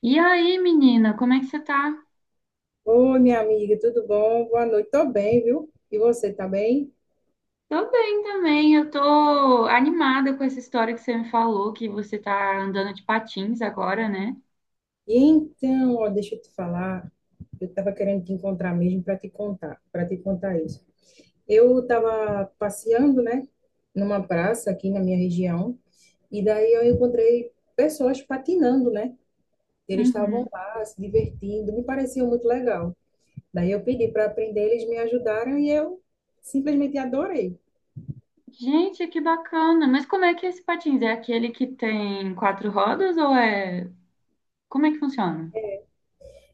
E aí, menina, como é que você tá? Oi, minha amiga, tudo bom? Boa noite. Tô bem, viu? E você, tá bem? Tô bem também, eu tô animada com essa história que você me falou, que você tá andando de patins agora, né? E então, ó, deixa eu te falar, eu tava querendo te encontrar mesmo para te contar, isso. Eu tava passeando, né, numa praça aqui na minha região, e daí eu encontrei pessoas patinando, né? Eles estavam Uhum. lá se divertindo, me parecia muito legal. Daí eu pedi para aprender, eles me ajudaram e eu simplesmente adorei. Gente, que bacana! Mas como é que é esse patins? É aquele que tem quatro rodas ou é... como é que funciona?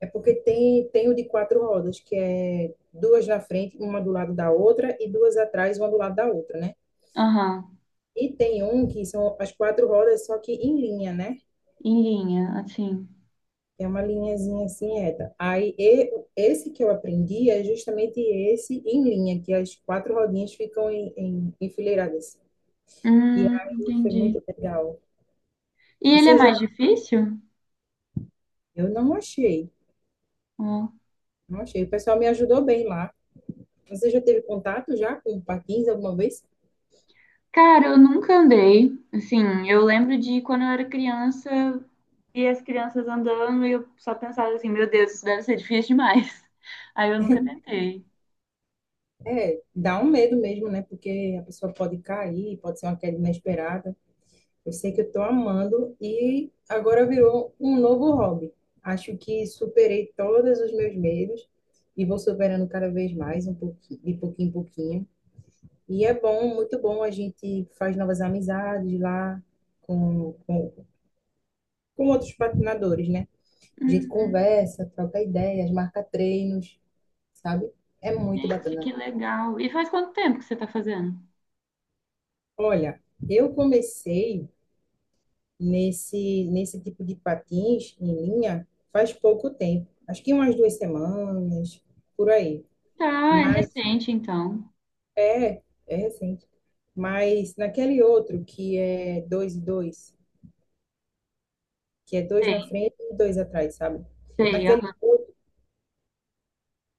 É porque tem o de quatro rodas, que é duas na frente, uma do lado da outra, e duas atrás, uma do lado da outra, né? Aham. E tem um que são as quatro rodas, só que em linha, né? Em linha, assim. É uma linhazinha assim reta. Esse que eu aprendi é justamente esse em linha, que as quatro rodinhas ficam enfileiradas. E aí foi Entendi. muito legal. E ele é Você já? mais difícil? Eu não achei, Ó. não achei. O pessoal me ajudou bem lá. Você já teve contato já com patins alguma vez? Cara, eu nunca andei. Assim, eu lembro de quando eu era criança e as crianças andando e eu só pensava assim, meu Deus, isso deve ser difícil demais. Aí eu nunca tentei. É, dá um medo mesmo, né? Porque a pessoa pode cair, pode ser uma queda inesperada. Eu sei que eu tô amando e agora virou um novo hobby. Acho que superei todos os meus medos e vou superando cada vez mais, um pouquinho, de pouquinho em pouquinho. E é bom, muito bom. A gente faz novas amizades lá com, com, com outros patinadores, né? A gente Uhum. conversa, troca ideias, marca treinos, sabe? É muito Gente, que bacana. legal. E faz quanto tempo que você tá fazendo? Olha, eu comecei nesse tipo de patins em linha faz pouco tempo. Acho que umas duas semanas, por aí. Tá, é Mas recente então. é, é recente. Mas naquele outro que é dois e dois, que é dois na Sei, frente e dois atrás, sabe? sei. Naquele Aham. outro,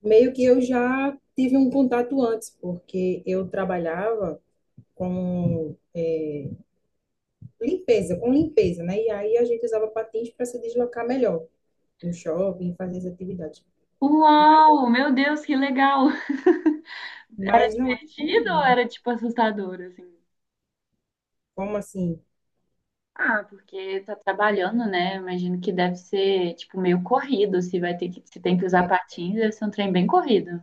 meio que eu já tive um contato antes, porque eu trabalhava com limpeza, né? E aí a gente usava patins para se deslocar melhor no shopping, fazer as atividades. Uau, meu Deus, que legal. Era Mas não é comum, divertido ou não. era tipo assustador assim? Como assim, Ah, porque tá trabalhando, né? Imagino que deve ser tipo meio corrido, se vai ter que se tem que usar patins, deve ser um trem bem corrido.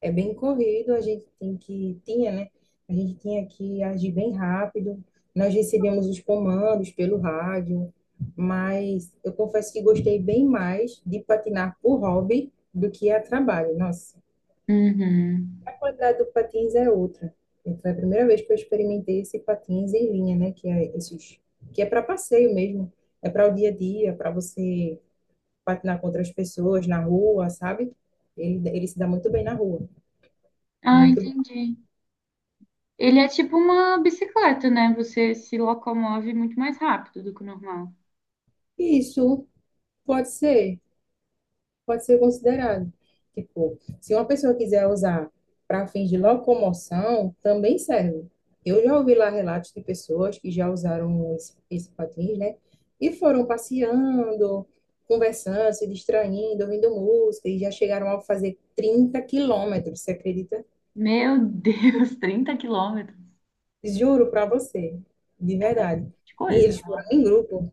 é bem corrido, a gente tem que, tinha, né? A gente tinha que agir bem rápido. Nós recebemos os comandos pelo rádio, mas eu confesso que gostei bem mais de patinar por hobby do que a trabalho. Nossa, Uhum. a qualidade do patins é outra. Foi a primeira vez que eu experimentei esse patins em linha, né? Que é esses, que é para passeio mesmo, é para o dia a dia, para você patinar com outras pessoas na rua, sabe? Ele se dá muito bem na rua, é Ah, muito. entendi. Ele é tipo uma bicicleta, né? Você se locomove muito mais rápido do que o normal. Isso pode ser, pode ser considerado. Tipo, se uma pessoa quiser usar para fins de locomoção, também serve. Eu já ouvi lá relatos de pessoas que já usaram esse patins, né? E foram passeando, conversando, se distraindo, ouvindo música, e já chegaram a fazer 30 km, você acredita? Meu Deus, 30 quilômetros Juro para você, de é verdade. bastante E coisa, eles foram em nossa. grupo,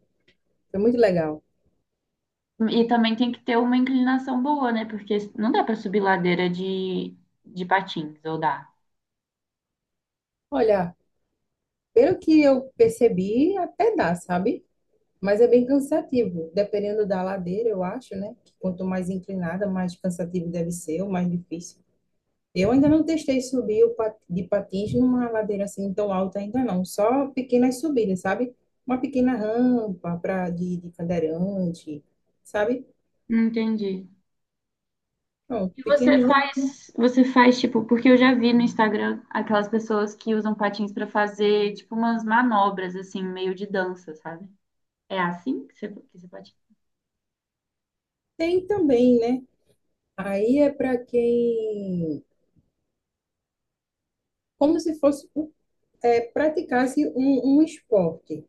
foi muito legal. E também tem que ter uma inclinação boa, né? Porque não dá pra subir ladeira de patins, ou dá? Olha, pelo que eu percebi, até dá, sabe? Mas é bem cansativo, dependendo da ladeira, eu acho, né? Que quanto mais inclinada, mais cansativo deve ser, ou mais difícil. Eu ainda não testei subir de patins numa ladeira assim tão alta ainda não, só pequenas subidas, sabe? Uma pequena rampa para de cadeirante, sabe? Entendi. Não, E pequenos você faz tipo, porque eu já vi no Instagram aquelas pessoas que usam patins pra fazer tipo umas manobras assim, meio de dança, sabe? É assim que você patina? tem também, né? Aí é para quem, como se fosse praticasse um esporte,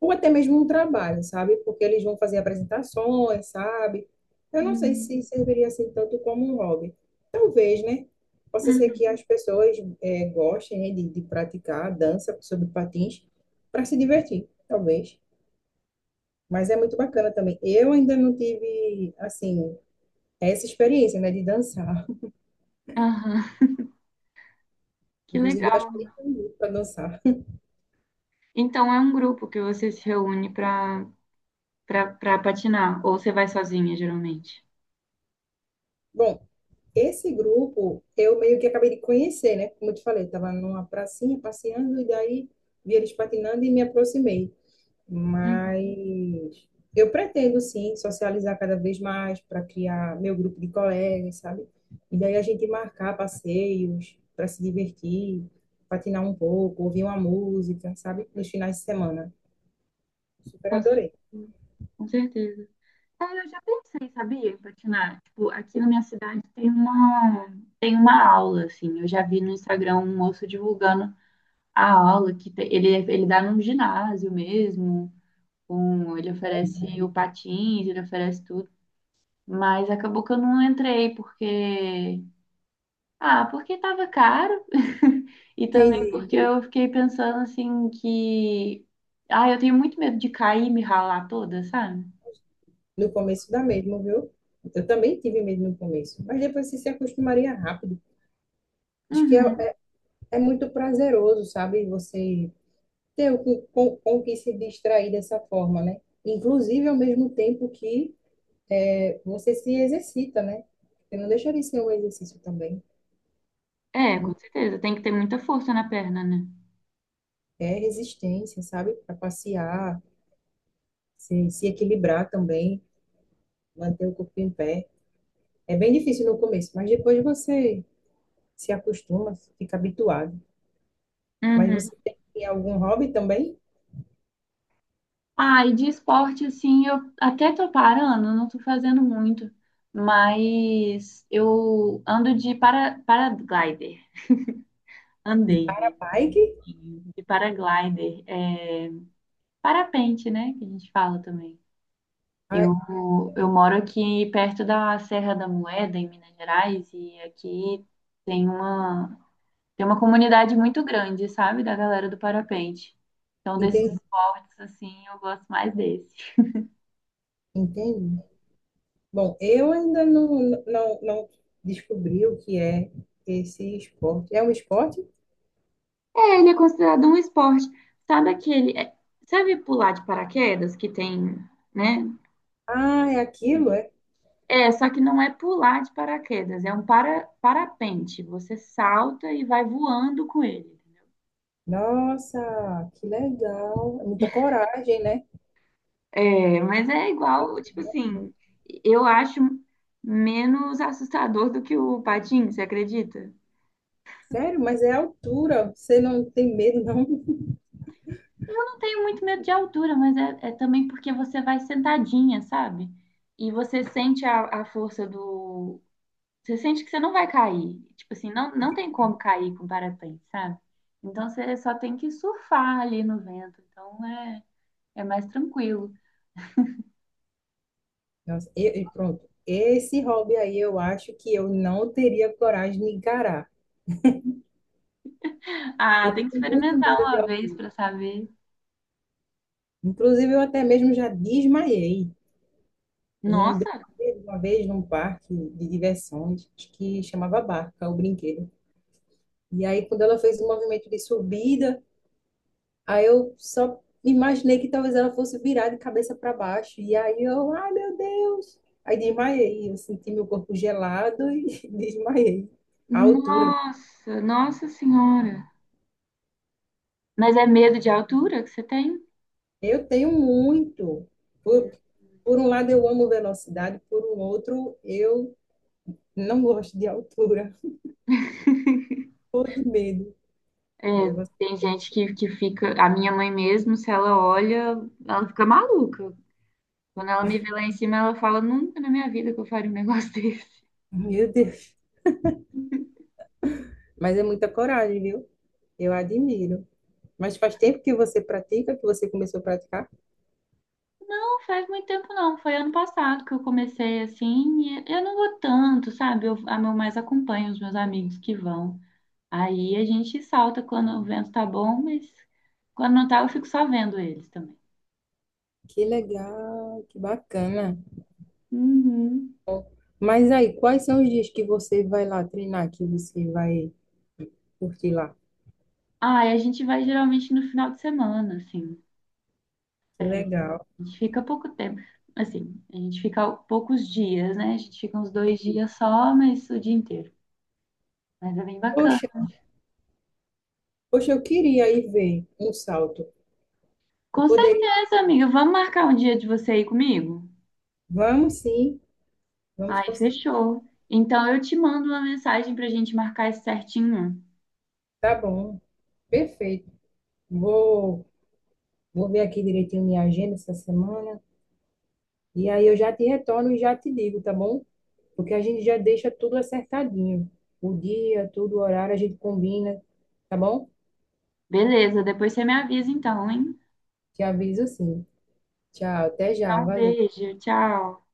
ou até mesmo um trabalho, sabe? Porque eles vão fazer apresentações, sabe? Eu não sei Hum, se serviria assim tanto como um hobby. Talvez, né? Possa ser uhum. que as pessoas gostem, né, de praticar a dança sobre patins para se divertir, talvez. Mas é muito bacana também. Eu ainda não tive, assim, essa experiência, né, de dançar. Aham. Que Inclusive, acho legal. que nem tenho muito para dançar. Então é um grupo que você se reúne para patinar, ou você vai sozinha, geralmente? Bom, esse grupo, eu meio que acabei de conhecer, né? Como eu te falei, estava numa pracinha passeando e daí vi eles patinando e me aproximei. Uhum. Mas eu pretendo, sim, socializar cada vez mais para criar meu grupo de colegas, sabe? E daí a gente marcar passeios para se divertir, patinar um pouco, ouvir uma música, sabe? Nos finais de semana. Super Com certeza. adorei. Com certeza. É, eu já pensei, sabia, em patinar. Tipo, aqui na minha cidade tem uma aula, assim. Eu já vi no Instagram um moço divulgando a aula, que ele, ele dá num ginásio mesmo, com, ele oferece o patins, ele oferece tudo. Mas acabou que eu não entrei, porque ah, porque estava caro e também Entendi. porque eu fiquei pensando assim que. Ah, eu tenho muito medo de cair e me ralar toda, sabe? No começo dá mesmo, viu? Eu também tive medo no começo, mas depois você se acostumaria rápido. Acho que Uhum. é, é muito prazeroso, sabe? Você ter o que, com o que se distrair dessa forma, né? Inclusive, ao mesmo tempo que é, você se exercita, né? Porque não deixa de ser um exercício também. É É, com muito, certeza. Tem que ter muita força na perna, né? é resistência, sabe? Para passear, se equilibrar também, manter o corpo em pé. É bem difícil no começo, mas depois você se acostuma, fica habituado. Mas Uhum. você tem algum hobby também? Ah, e de esporte, assim, eu até tô parando, não tô fazendo muito, mas eu ando de paraglider. De Andei, né? para-bike? De paraglider. É, parapente, né? Que a gente fala também. Ah, Eu, eu moro aqui perto da Serra da Moeda, em Minas Gerais, e aqui tem uma, tem uma comunidade muito grande, sabe, da galera do parapente. Então, desses entendi. esportes, assim, eu gosto mais desse. Entende? Bom, eu ainda não descobri o que é esse esporte. É um esporte? É, ele é considerado um esporte. Sabe aquele. é- sabe pular de paraquedas que tem, né? Ah, é aquilo, é? É, só que não é pular de paraquedas, é um parapente. Você salta e vai voando com ele. Nossa, que legal. É muita coragem, né? É, mas é igual, tipo assim, eu acho menos assustador do que o patim, você acredita? Sério, mas é a altura. Você não tem medo, não? Eu não tenho muito medo de altura, mas é, é também porque você vai sentadinha, sabe? E você sente a força do. Você sente que você não vai cair. Tipo assim, não, não tem como cair com parapente, sabe? Então você só tem que surfar ali no vento. Então é, é mais tranquilo. Nossa, e pronto. Esse hobby aí eu acho que eu não teria coragem de encarar. Ah, Eu tem que tenho muito experimentar medo de uma vez altura. pra saber. Inclusive, eu até mesmo já desmaiei. E um brinquedo, Nossa, uma vez, num parque de diversões, acho que chamava Barca, o brinquedo. E aí, quando ela fez o movimento de subida, aí eu só imaginei que talvez ela fosse virar de cabeça para baixo. E aí eu, ai meu Deus! Aí desmaiei, eu senti meu corpo gelado e desmaiei. A altura. nossa, nossa senhora. Mas é medo de altura que você tem? Eu tenho muito. Por, por um lado, eu amo velocidade, por um outro, eu não gosto de altura, ou de medo. É, Aí eu, tem gente que fica. A minha mãe mesmo, se ela olha, ela fica maluca. Quando ela me vê lá em cima, ela fala: Nunca na minha vida que eu faria um negócio desse. meu Deus! Mas é muita coragem, viu? Eu admiro. Mas faz tempo que você pratica, que você começou a praticar? Não faz muito tempo, não. Foi ano passado que eu comecei assim. E eu não vou tanto, sabe? Eu, a meu mais acompanho os meus amigos que vão. Aí a gente salta quando o vento tá bom, mas quando não tá, eu fico só vendo eles também. Que legal, que bacana. Uhum. Mas aí, quais são os dias que você vai lá treinar, que você vai curtir lá? Ah, e a gente vai geralmente no final de semana, assim. É, Que a legal. gente fica pouco tempo. Assim, a gente fica poucos dias, né? A gente fica uns dois Entendi. dias só, mas o dia inteiro. Mas é bem bacana. Poxa, poxa, eu queria ir ver um salto. Eu Com poderia. certeza, amiga. Vamos marcar um dia de você aí comigo? Vamos sim, vamos Ai, conseguir. fechou. Então eu te mando uma mensagem pra gente marcar isso certinho. Tá bom, perfeito. Vou Vou ver aqui direitinho minha agenda essa semana. E aí eu já te retorno e já te digo, tá bom? Porque a gente já deixa tudo acertadinho. O dia, tudo, o horário, a gente combina, tá bom? Beleza, depois você me avisa então, hein? Te aviso sim. Tchau, até já, Então, um valeu. beijo, tchau.